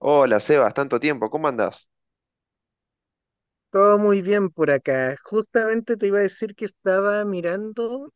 Hola Sebas, tanto tiempo, ¿cómo andás? Todo muy bien por acá. Justamente te iba a decir que estaba mirando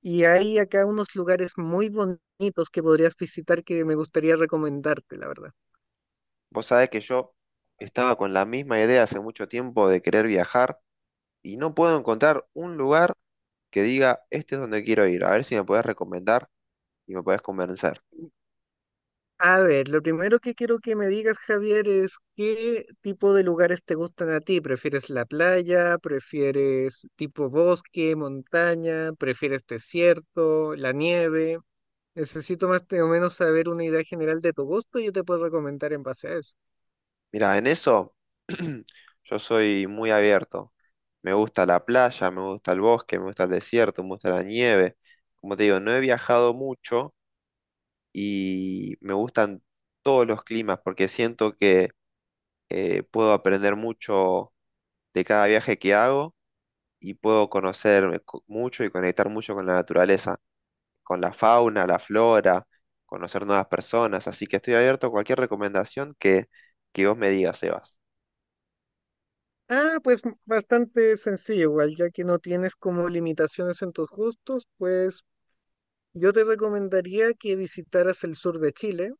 y hay acá unos lugares muy bonitos que podrías visitar que me gustaría recomendarte, la verdad. Vos sabés que yo estaba con la misma idea hace mucho tiempo de querer viajar y no puedo encontrar un lugar que diga, este es donde quiero ir, a ver si me podés recomendar y me podés convencer. A ver, lo primero que quiero que me digas, Javier, es qué tipo de lugares te gustan a ti. ¿Prefieres la playa? ¿Prefieres tipo bosque, montaña? ¿Prefieres desierto, la nieve? Necesito más o menos saber una idea general de tu gusto y yo te puedo recomendar en base a eso. Mira, en eso yo soy muy abierto. Me gusta la playa, me gusta el bosque, me gusta el desierto, me gusta la nieve. Como te digo, no he viajado mucho y me gustan todos los climas porque siento que puedo aprender mucho de cada viaje que hago y puedo mucho y conectar mucho con la naturaleza, con la fauna, la flora, conocer nuevas personas. Así que estoy abierto a cualquier que vos me digas, Sebas. Ah, pues bastante sencillo, igual, ya que no tienes como limitaciones en tus gustos, pues yo te recomendaría que visitaras el sur de Chile,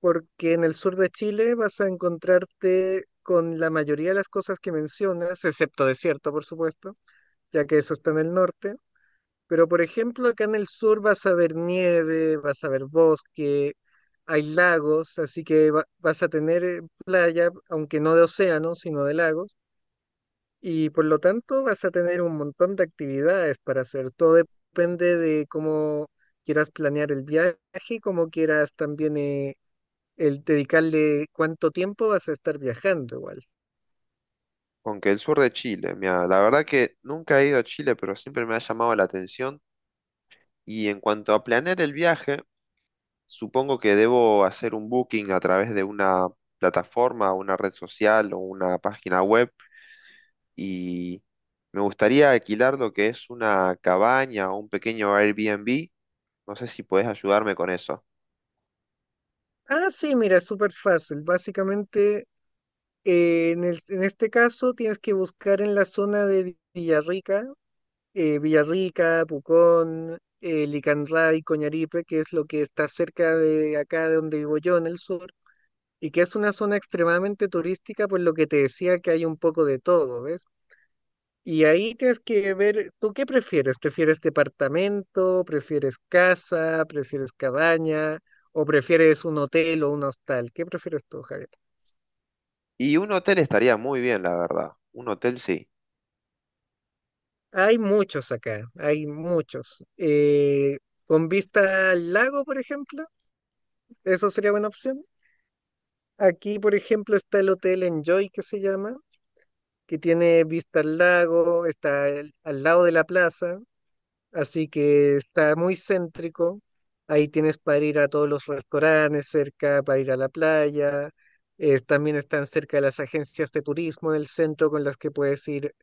porque en el sur de Chile vas a encontrarte con la mayoría de las cosas que mencionas, excepto desierto, por supuesto, ya que eso está en el norte. Pero por ejemplo, acá en el sur vas a ver nieve, vas a ver bosque, hay lagos, así que vas a tener playa, aunque no de océano, sino de lagos. Y por lo tanto vas a tener un montón de actividades para hacer. Todo depende de cómo quieras planear el viaje, cómo quieras también, el dedicarle cuánto tiempo vas a estar viajando igual. Con que el sur de Chile, mira, la verdad que nunca he ido a Chile, pero siempre me ha llamado la atención. Y en cuanto a planear el viaje, supongo que debo hacer un booking a través de una plataforma, una red social o una página web, y me gustaría alquilar lo que es una cabaña o un pequeño Airbnb. No sé si puedes ayudarme con eso. Ah, sí, mira, es súper fácil. Básicamente, en este caso tienes que buscar en la zona de Villarrica, Villarrica, Pucón, Licanray, Coñaripe, que es lo que está cerca de acá de donde vivo yo en el sur y que es una zona extremadamente turística, por lo que te decía que hay un poco de todo, ¿ves? Y ahí tienes que ver, ¿tú qué prefieres? ¿Prefieres departamento? ¿Prefieres casa? ¿Prefieres cabaña? ¿O prefieres un hotel o un hostal? ¿Qué prefieres tú, Javier? Y un hotel estaría muy bien, la verdad. Un hotel sí. Hay muchos acá, hay muchos. Con vista al lago, por ejemplo, eso sería buena opción. Aquí, por ejemplo, está el hotel Enjoy, que se llama, que tiene vista al lago, al lado de la plaza. Así que está muy céntrico. Ahí tienes para ir a todos los restaurantes cerca, para ir a la playa. También están cerca las agencias de turismo del centro con las que puedes ir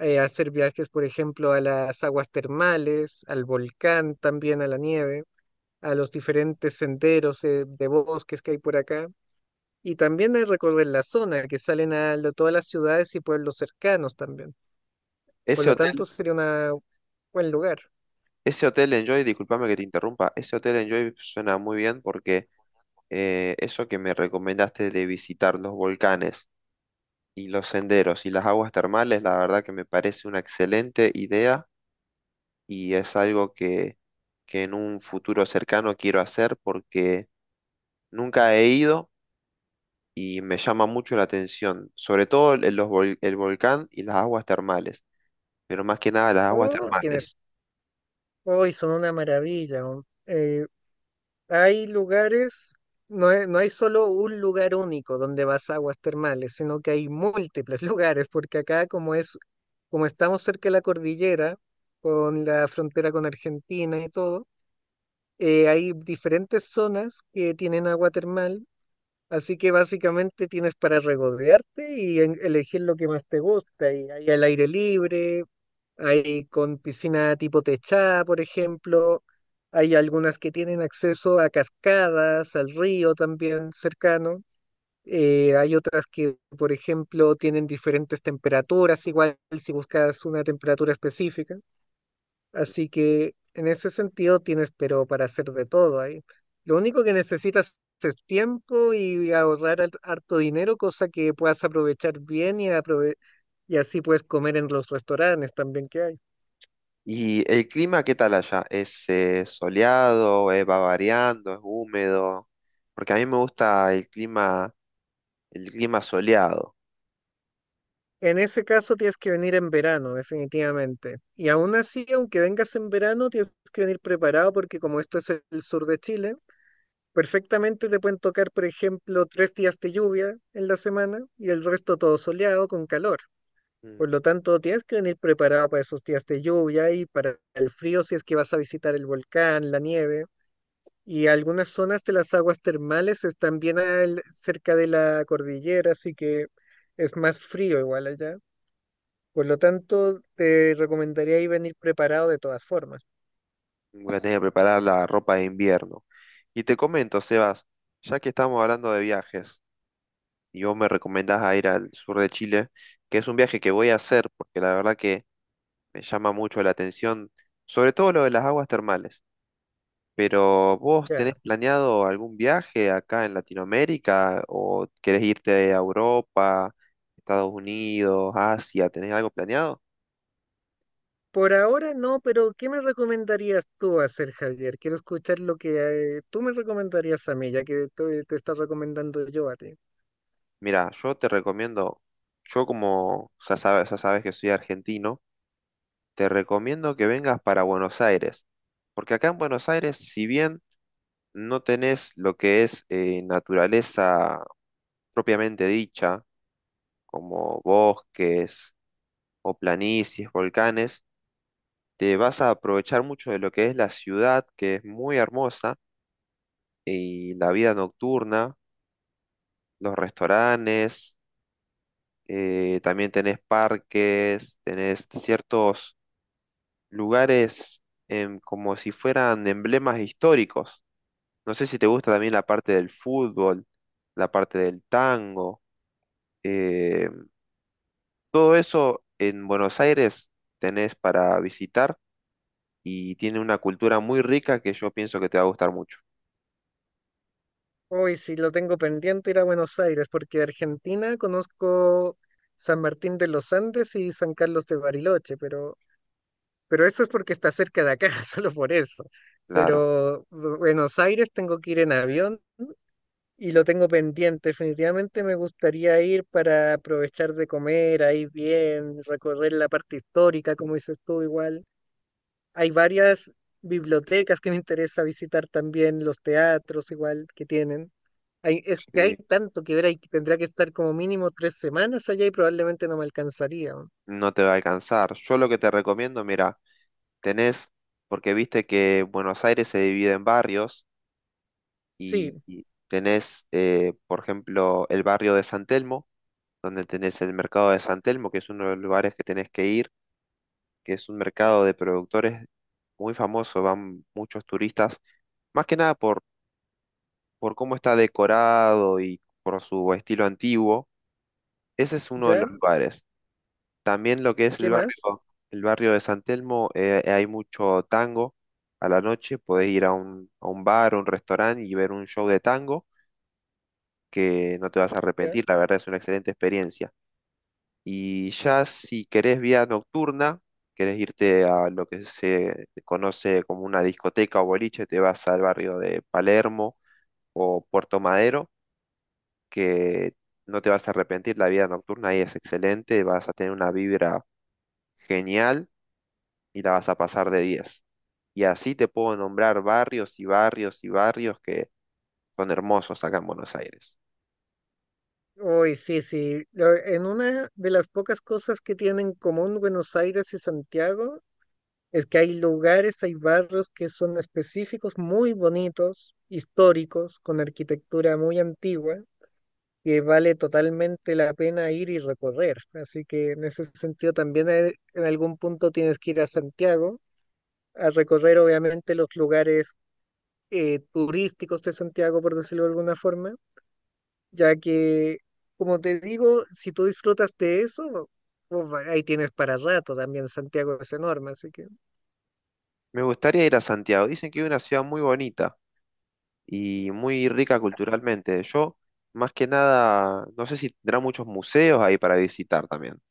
a hacer viajes, por ejemplo, a las aguas termales, al volcán, también a la nieve, a los diferentes senderos de bosques que hay por acá. Y también hay recorrer la zona, que todas las ciudades y pueblos cercanos también. Por Ese lo tanto, hotel, sería un buen lugar. Ese hotel Enjoy, discúlpame que te interrumpa, ese hotel Enjoy suena muy bien porque eso que me recomendaste de visitar los volcanes y los senderos y las aguas termales, la verdad que me parece una excelente idea y es algo que en un futuro cercano quiero hacer porque nunca he ido, y me llama mucho la atención, sobre todo el volcán y las aguas termales, pero más que nada las aguas Oh, tienes. termales. Hoy son una maravilla, ¿no? Hay lugares, no, no hay solo un lugar único donde vas a aguas termales, sino que hay múltiples lugares, porque acá como es, como estamos cerca de la cordillera, con la frontera con Argentina y todo, hay diferentes zonas que tienen agua termal, así que básicamente tienes para regodearte y elegir lo que más te gusta. Y hay al aire libre, hay con piscina tipo techada, por ejemplo. Hay algunas que tienen acceso a cascadas, al río también cercano. Hay otras que, por ejemplo, tienen diferentes temperaturas, igual si buscas una temperatura específica. Así que en ese sentido tienes, pero para hacer de todo ahí. Lo único que necesitas es tiempo y ahorrar harto dinero, cosa que puedas aprovechar bien y y así puedes comer en los restaurantes también que hay. ¿Y el clima qué tal allá? ¿Es soleado, va variando, es húmedo? Porque a mí me gusta el clima soleado. En ese caso tienes que venir en verano, definitivamente. Y aún así, aunque vengas en verano, tienes que venir preparado porque como esto es el sur de Chile, perfectamente te pueden tocar, por ejemplo, tres días de lluvia en la semana y el resto todo soleado con calor. Mm. Por lo tanto, tienes que venir preparado para esos días de lluvia y para el frío si es que vas a visitar el volcán, la nieve. Y algunas zonas de las aguas termales están bien cerca de la cordillera, así que es más frío igual allá. Por lo tanto, te recomendaría ahí venir preparado de todas formas. Voy a tener que preparar la ropa de invierno. Y te comento, Sebas, ya que estamos hablando de viajes y vos me recomendás a ir al sur de Chile, que es un viaje que voy a hacer, porque la verdad que me llama mucho la atención, sobre todo lo de las aguas termales. Pero ¿vos tenés Ya. planeado algún viaje acá en Latinoamérica o querés irte a Europa, Estados Unidos, Asia? ¿Tenés algo planeado? Por ahora no, pero ¿qué me recomendarías tú hacer, Javier? Quiero escuchar lo que tú me recomendarías a mí, ya que te está recomendando yo a ti. Mira, yo como ya sabes que soy argentino, te recomiendo que vengas para Buenos Aires. Porque acá en Buenos Aires, si bien no tenés lo que es naturaleza propiamente dicha, como bosques, o planicies, volcanes, te vas a aprovechar mucho de lo que es la ciudad, que es muy hermosa, y la vida nocturna, los restaurantes, también tenés parques, tenés ciertos lugares como si fueran emblemas históricos. No sé si te gusta también la parte del fútbol, la parte del tango, eh, todo eso en Buenos Aires tenés para visitar y tiene una cultura muy rica que yo pienso que te va a gustar mucho. Hoy, si lo tengo pendiente, ir a Buenos Aires, porque de Argentina conozco San Martín de los Andes y San Carlos de Bariloche, pero eso es porque está cerca de acá, solo por eso. Claro, Pero Buenos Aires tengo que ir en avión. Y lo tengo pendiente, definitivamente me gustaría ir para aprovechar de comer ahí bien, recorrer la parte histórica, como dices tú igual. Hay varias bibliotecas que me interesa visitar también, los teatros igual que tienen. Hay, es que hay sí, tanto que ver, ahí que tendría que estar como mínimo tres semanas allá y probablemente no me alcanzaría. no te va a alcanzar. Yo lo que te recomiendo, mira, tenés, porque viste que Buenos Aires se divide en barrios y, Sí, y tenés, por ejemplo, el barrio de San Telmo, donde tenés el mercado de San Telmo, que es uno de los lugares que tenés que ir, que es un mercado de productores muy famoso, van muchos turistas, más que nada por cómo está decorado y por su estilo antiguo. Ese es uno de ¿ya? los lugares. También lo que es ¿Qué más? El barrio de San Telmo, hay mucho tango a la noche. Podés ir a a un bar o un restaurante y ver un show de tango que no te vas a ¿Ya? arrepentir. La verdad es una excelente experiencia. Y ya si querés vía nocturna, querés irte a lo que se conoce como una discoteca o boliche, te vas al barrio de Palermo o Puerto Madero, que no te vas a arrepentir. La vida nocturna ahí es excelente, vas a tener una vibra genial y la vas a pasar de diez. Y así te puedo nombrar barrios y barrios y barrios que son hermosos acá en Buenos Aires. Uy, sí, sí. Lo- En una de las pocas cosas que tienen en común Buenos Aires y Santiago es que hay lugares, hay barrios que son específicos, muy bonitos, históricos, con arquitectura muy antigua, que vale totalmente la pena ir y recorrer. Así que en ese sentido también, en algún punto tienes que ir a Santiago a recorrer obviamente los lugares turísticos de Santiago, por decirlo de alguna forma, ya que, como te digo, si tú disfrutas de eso, uf, ahí tienes para rato también, Santiago es enorme, así que. Me gustaría ir a Santiago. Dicen que es una ciudad muy bonita y muy rica culturalmente. Yo, más que nada, no sé si tendrá muchos museos ahí para visitar también.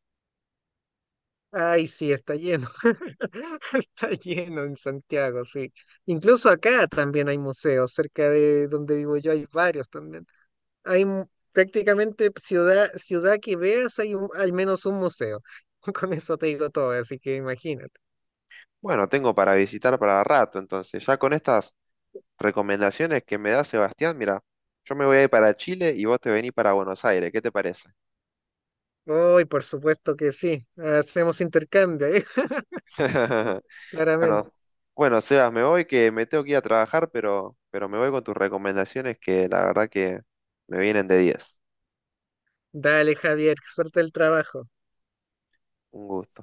Ay, sí, está lleno. Está lleno en Santiago, sí. Incluso acá también hay museos, cerca de donde vivo yo hay varios también. Hay mu- Prácticamente ciudad, ciudad que veas, hay al menos un museo. Con eso te digo todo, así que imagínate. Bueno, tengo para visitar para rato, entonces ya con estas recomendaciones que me da Sebastián, mira, yo me voy a ir para Chile y vos te venís para Buenos Aires. ¿Qué te parece? Hoy, por supuesto que sí. Hacemos intercambio, ¿eh? Claramente. Bueno, bueno, Sebas, me voy que me tengo que ir a trabajar, pero me voy con tus recomendaciones que la verdad que me vienen de diez. Dale, Javier, suerte el trabajo. Un gusto.